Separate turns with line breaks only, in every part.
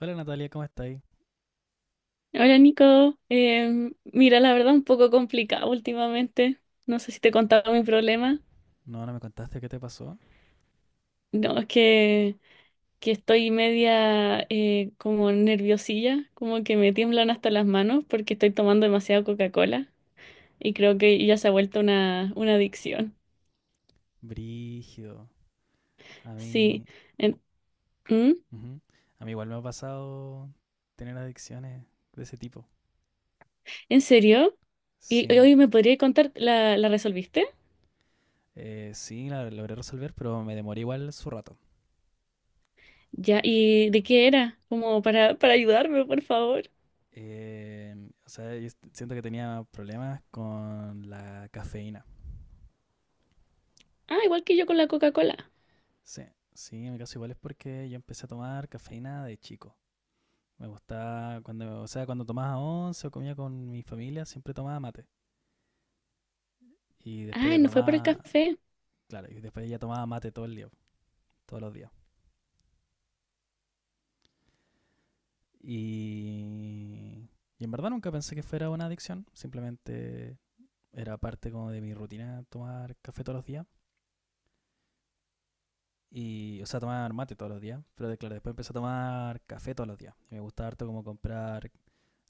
Hola Natalia, ¿cómo estáis?
Hola Nico. Mira, la verdad un poco complicado últimamente. No sé si te he contado mi problema.
No, no me contaste qué te pasó.
No, es que estoy media como nerviosilla, como que me tiemblan hasta las manos porque estoy tomando demasiada Coca-Cola y creo que ya se ha vuelto una adicción.
Brígido. A
Sí.
mí.
¿en, ¿Mm?
Ujú. A mí igual me ha pasado tener adicciones de ese tipo.
¿En serio? ¿Y y
Sí.
hoy me podría contar, la resolviste?
Sí, la logré resolver, pero me demoré igual su rato.
Ya, ¿y de qué era? Como para ayudarme, por favor.
Eh, o sea, siento que tenía problemas con la cafeína.
Ah, igual que yo con la Coca-Cola.
Sí, sí, en mi caso igual es porque yo empecé a tomar cafeína de chico. Me gustaba cuando, o sea, cuando tomaba once o comía con mi familia, siempre tomaba mate. Y después
Ah,
ya
¿no fue por el
tomaba.
café?
Claro, y después ella tomaba mate todo el día, todos los días. Y, y en verdad nunca pensé que fuera una adicción, simplemente era parte como de mi rutina tomar café todos los días. Y, o sea, tomar mate todos los días. Pero claro, después empecé a tomar café todos los días. Y me gustaba harto como comprar,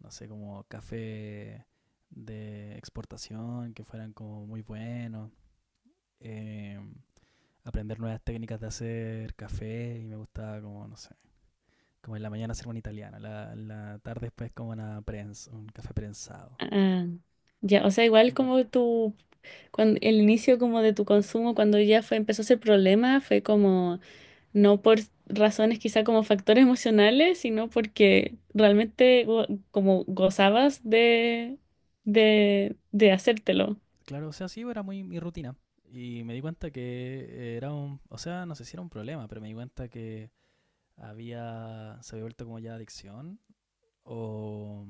no sé, como café de exportación, que fueran como muy buenos. Eh, Aprender nuevas técnicas de hacer café. Y me gustaba como, no sé, como en la mañana hacer un italiano, la tarde después como una prensa, un café prensado.
Ah, ya, o sea, igual
Mm,
como tu, cuando, el inicio como de tu consumo, cuando ya fue, empezó ese problema, fue como, no por razones quizá como factores emocionales, sino porque realmente como gozabas de hacértelo,
Claro, o sea, sí, era muy mi rutina. Y me di cuenta que era un, o sea, no sé si era un problema, pero me di cuenta que había, se había vuelto como ya adicción o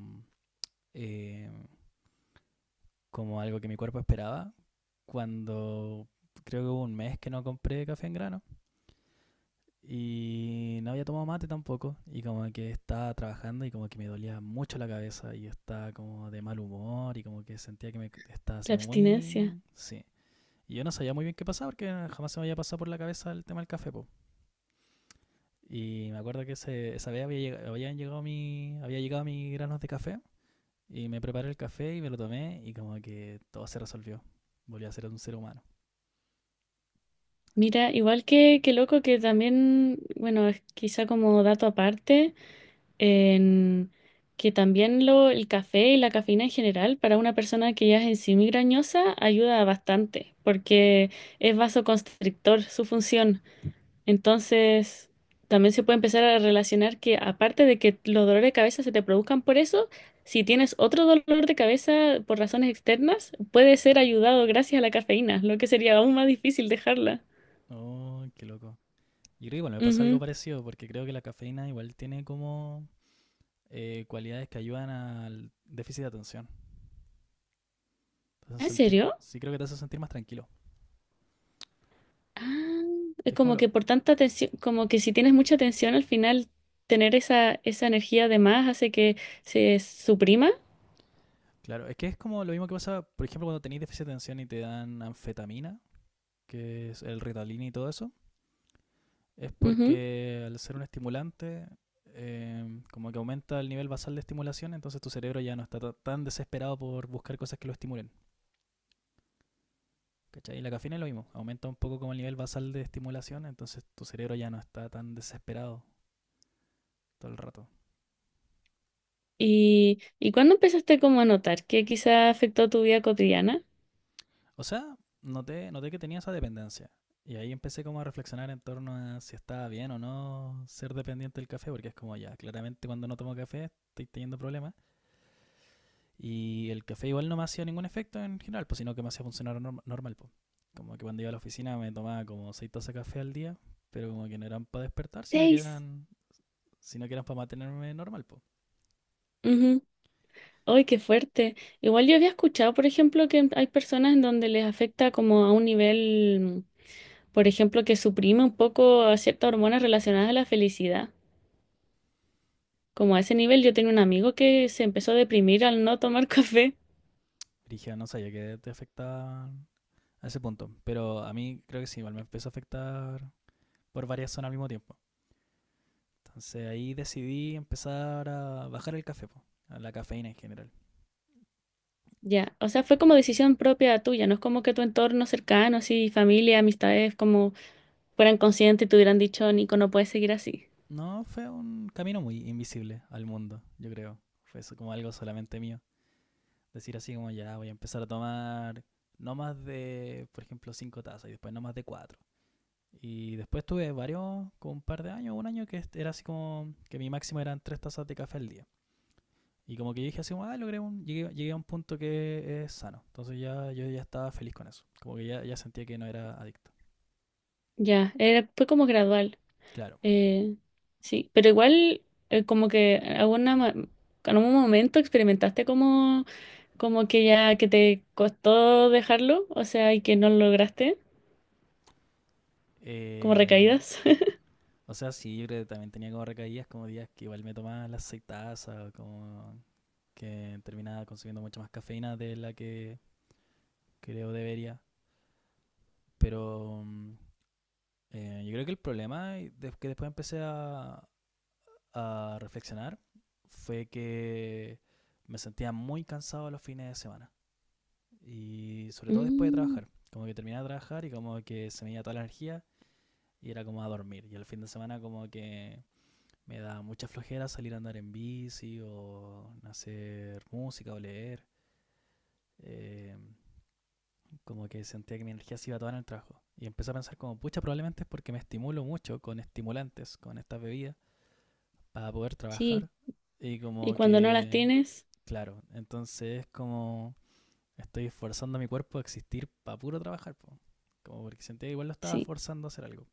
eh, como algo que mi cuerpo esperaba cuando creo que hubo un mes que no compré café en grano. Y no había tomado mate tampoco. Y como que estaba trabajando y como que me dolía mucho la cabeza. Y yo estaba como de mal humor y como que sentía que me estaba así
la
como
abstinencia.
muy. Sí. Y yo no sabía muy bien qué pasaba porque jamás se me había pasado por la cabeza el tema del café, po. Y me acuerdo que esa vez había llegado habían llegado mi, había llegado mis granos de café. Y me preparé el café y me lo tomé. Y como que todo se resolvió. Volví a ser un ser humano.
Mira, igual que loco que también, bueno, es quizá como dato aparte. En que también lo, el café y la cafeína en general para una persona que ya es en sí migrañosa ayuda bastante porque es vasoconstrictor su función. Entonces, también se puede empezar a relacionar que aparte de que los dolores de cabeza se te produzcan por eso, si tienes otro dolor de cabeza por razones externas, puede ser ayudado gracias a la cafeína, lo que sería aún más difícil dejarla.
Oh, qué loco. Y creo que igual me pasa algo
Ujú.
parecido porque creo que la cafeína igual tiene como cualidades que ayudan al déficit de atención. Te hacen
¿Ah, ¿en
sentir,
serio?
sí creo que te hacen sentir más tranquilo.
Ah, es
Que es como
como
lo,
que por tanta tensión, como que si tienes mucha tensión al final, tener esa energía de más hace que se suprima.
claro, es que es como lo mismo que pasa, por ejemplo, cuando tenéis déficit de atención y te dan anfetamina, que es el Ritalin y todo eso, es
Ujú.
porque al ser un estimulante, como que aumenta el nivel basal de estimulación, entonces tu cerebro ya no está tan desesperado por buscar cosas que lo estimulen. ¿Cachai? Y la cafeína es lo mismo, aumenta un poco como el nivel basal de estimulación, entonces tu cerebro ya no está tan desesperado todo el rato.
Y cuándo empezaste como a notar que quizá afectó tu vida cotidiana?
O sea, noté que tenía esa dependencia. Y ahí empecé como a reflexionar en torno a si estaba bien o no ser dependiente del café, porque es como ya, claramente cuando no tomo café estoy teniendo problemas. Y el café igual no me hacía ningún efecto en general, pues sino que me hacía funcionar normal, pues. Como que cuando iba a la oficina me tomaba como seis tazas de café al día, pero como que no eran para despertar,
Seis.
sino que eran para mantenerme normal, pues.
Ujú. ¡Ay, qué fuerte! Igual yo había escuchado, por ejemplo, que hay personas en donde les afecta como a un nivel, por ejemplo, que suprime un poco a ciertas hormonas relacionadas a la felicidad. Como a ese nivel, yo tenía un amigo que se empezó a deprimir al no tomar café.
Dije, no sabía que te afectaba a ese punto. Pero a mí creo que sí, igual me empezó a afectar por varias zonas al mismo tiempo. Entonces ahí decidí empezar a bajar el café, po, a la cafeína en general.
Ya, o sea, fue como decisión propia tuya, no es como que tu entorno cercano, así, familia, amistades, como fueran conscientes y te hubieran dicho, Nico, no puedes seguir así.
No, fue un camino muy invisible al mundo, yo creo. Fue eso como algo solamente mío. Decir así como ya voy a empezar a tomar no más de, por ejemplo, cinco tazas y después no más de cuatro. Y después tuve varios, como un par de años, un año que era así como que mi máximo eran tres tazas de café al día. Y como que yo dije así, como, ah, llegué, llegué a un punto que es sano. Entonces ya yo ya estaba feliz con eso. Como que ya, ya sentía que no era adicto.
Ya, era, fue como gradual.
Claro.
eh, sí, pero igual, como que alguna, en algún momento experimentaste como, como que ya, que te costó dejarlo, o sea, y que no lo lograste, como
Eh,
recaídas.
o sea, sí, yo creo que también tenía como recaídas, como días que igual me tomaba las seis tazas, o como que terminaba consumiendo mucha más cafeína de la que creo debería. Pero yo creo que el problema que después empecé a reflexionar fue que me sentía muy cansado los fines de semana. Y sobre todo después de
Mm,
trabajar. Como que terminaba de trabajar y como que se me iba toda la energía y era como a dormir. Y el fin de semana como que me da mucha flojera salir a andar en bici o hacer música o leer. Eh, Como que sentía que mi energía se iba toda en el trabajo. Y empecé a pensar como, pucha, probablemente es porque me estimulo mucho con estimulantes, con estas bebidas, para poder
sí,
trabajar. Y
y
como
cuando no las
que,
tienes,
claro, entonces es como estoy forzando a mi cuerpo a existir para puro trabajar, po. Como porque sentía que igual lo estaba
sí.
forzando a hacer algo.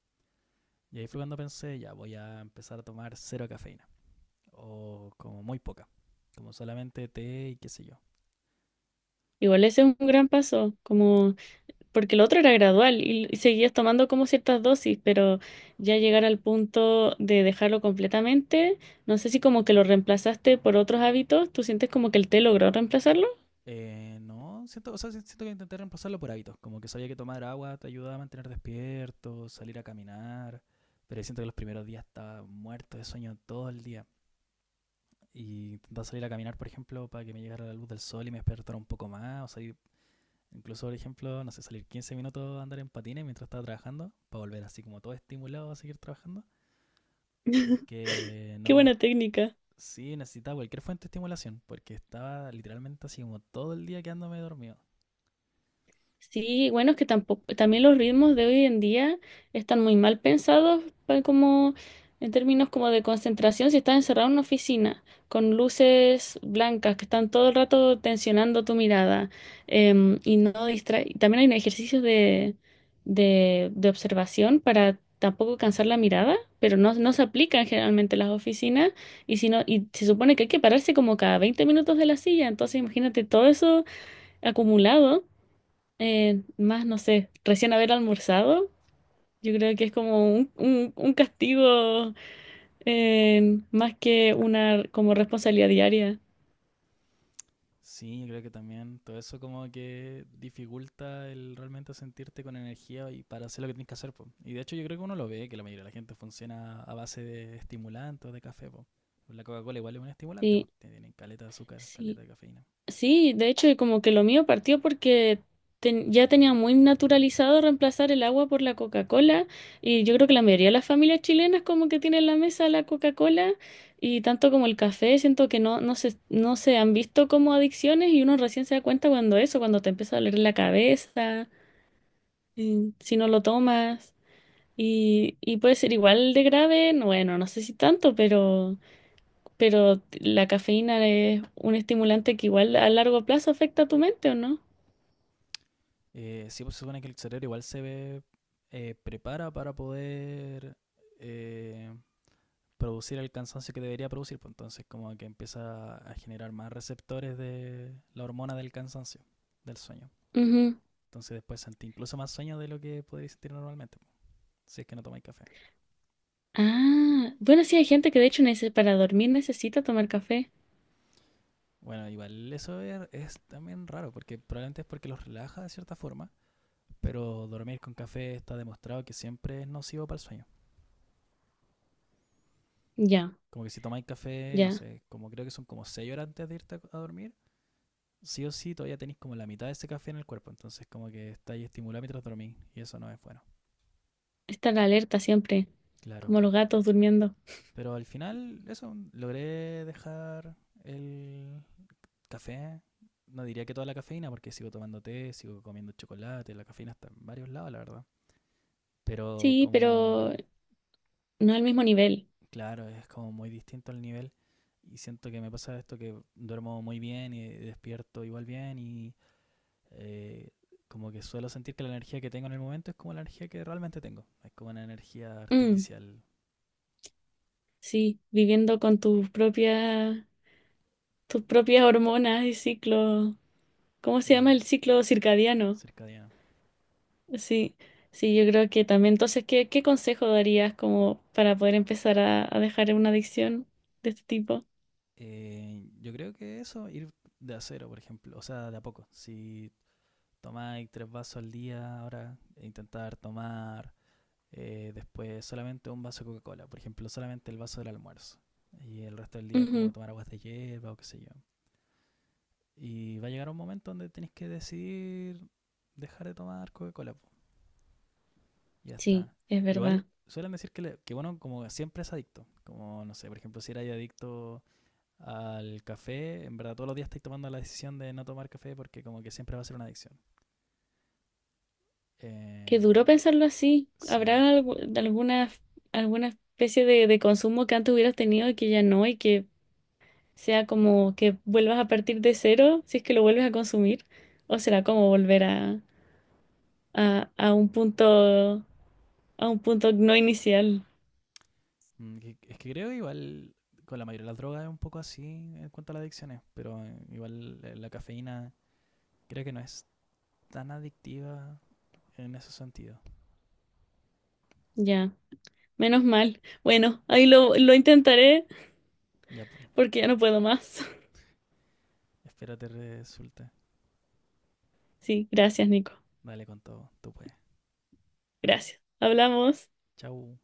Y ahí fue cuando pensé, ya voy a empezar a tomar cero cafeína, o como muy poca, como solamente té y qué sé yo.
Igual ese es un gran paso, como... porque lo otro era gradual y seguías tomando como ciertas dosis, pero ya llegar al punto de dejarlo completamente, no sé si como que lo reemplazaste por otros hábitos, ¿tú sientes como que el té logró reemplazarlo?
No, siento, o sea, si, siento que intenté reemplazarlo por hábitos, como que sabía que tomar agua te ayudaba a mantener despierto, salir a caminar, pero siento que los primeros días estaba muerto de sueño todo el día. Y intentar salir a caminar, por ejemplo, para que me llegara la luz del sol y me despertara un poco más, o salir. Incluso, por ejemplo, no sé, salir 15 minutos a andar en patines mientras estaba trabajando, para volver así como todo estimulado a seguir trabajando, porque
Qué
no me.
buena técnica.
Sí, necesitaba cualquier fuente de estimulación, porque estaba literalmente así como todo el día quedándome dormido.
Sí, bueno, es que tampoco, también los ritmos de hoy en día están muy mal pensados como en términos como de concentración si estás encerrado en una oficina con luces blancas que están todo el rato tensionando tu mirada, y no distrae. También hay un ejercicio de observación para tampoco cansar la mirada, pero no, no se aplican generalmente en las oficinas y, si no, y se supone que hay que pararse como cada 20 minutos de la silla, entonces imagínate todo eso acumulado. Más, no sé, recién haber almorzado, yo creo que es como un castigo más que una como responsabilidad diaria.
Sí, creo que también todo eso como que dificulta el realmente sentirte con energía y para hacer lo que tienes que hacer, po. Y de hecho yo creo que uno lo ve, que la mayoría de la gente funciona a base de estimulantes o de café, po. La Coca-Cola igual es un estimulante, pues
Sí,
tienen caleta de azúcar,
sí,
caleta de cafeína.
sí, de hecho como que lo mío partió porque ya tenía muy naturalizado reemplazar el agua por la Coca-Cola y yo creo que la mayoría de las familias chilenas como que tienen en la mesa la Coca-Cola y tanto como el café, siento que no, no se han visto como adicciones y uno recién se da cuenta cuando eso, cuando te empieza a doler la cabeza. Mm. Si no lo tomas y puede ser igual de grave, no, bueno, no sé si tanto, pero la cafeína es un estimulante que igual a largo plazo afecta a tu mente, ¿o no?
Sí, pues se supone que el cerebro igual se ve, prepara para poder eh, producir el cansancio que debería producir, pues entonces como que empieza a generar más receptores de la hormona del cansancio, del sueño.
Ujú.
Entonces después sentí incluso más sueño de lo que podéis sentir normalmente, pues, si es que no tomáis café.
Ah, bueno, sí hay gente que de hecho para dormir necesita tomar café.
Bueno, igual eso es también raro, porque probablemente es porque los relaja de cierta forma, pero dormir con café está demostrado que siempre es nocivo para el sueño.
Ya,
Como que si tomáis café, no
ya.
sé, como creo que son como 6 horas antes de irte a dormir, sí o sí todavía tenéis como la mitad de ese café en el cuerpo, entonces como que estáis estimulando mientras dormís y eso no es bueno.
Estar alerta siempre,
Claro.
como los gatos durmiendo.
Pero al final, eso, logré dejar el café. No diría que toda la cafeína, porque sigo tomando té, sigo comiendo chocolate, la cafeína está en varios lados, la verdad. Pero
Sí,
como,
pero no al mismo nivel.
claro, es como muy distinto el nivel. Y siento que me pasa esto que duermo muy bien y despierto igual bien y eh, como que suelo sentir que la energía que tengo en el momento es como la energía que realmente tengo. Es como una energía
Mm,
artificial.
sí, viviendo con tus propias hormonas y ciclos. ¿Cómo se llama
mm,
el ciclo circadiano?
Cercadiana.
Sí, sí, yo creo que también. Entonces, ¿qué, qué consejo darías como para poder empezar a dejar una adicción de este tipo?
Yo creo que eso, ir de a cero, por ejemplo, o sea, de a poco. Si tomáis tres vasos al día, ahora intentar tomar después solamente un vaso de Coca-Cola, por ejemplo, solamente el vaso del almuerzo. Y el resto del día como
Ujú.
tomar aguas de hierba o qué sé yo. Y va a llegar un momento donde tenéis que decidir dejar de tomar Coca-Cola, po. Ya
Sí,
está.
es verdad.
Igual suelen decir que, que bueno, como siempre es adicto. Como, no sé, por ejemplo, si erais adicto al café, en verdad todos los días estoy tomando la decisión de no tomar café porque como que siempre va a ser una adicción.
Qué
Eh,
duro pensarlo así. ¿Habrá
sí.
alguna, alguna especie de consumo que antes hubieras tenido y que ya no y que sea como que vuelvas a partir de cero si es que lo vuelves a consumir? ¿O será como volver a, a un punto, a un punto no inicial?
Es que creo igual con la mayoría de las drogas es un poco así en cuanto a las adicciones, pero igual la cafeína creo que no es tan adictiva en ese sentido.
Ya. Menos mal. Bueno, ahí lo intentaré
Ya, pues,
porque ya no puedo más.
espero te resulte.
Sí, gracias, Nico.
Dale con todo, tú puedes.
Gracias. Hablamos.
Chau.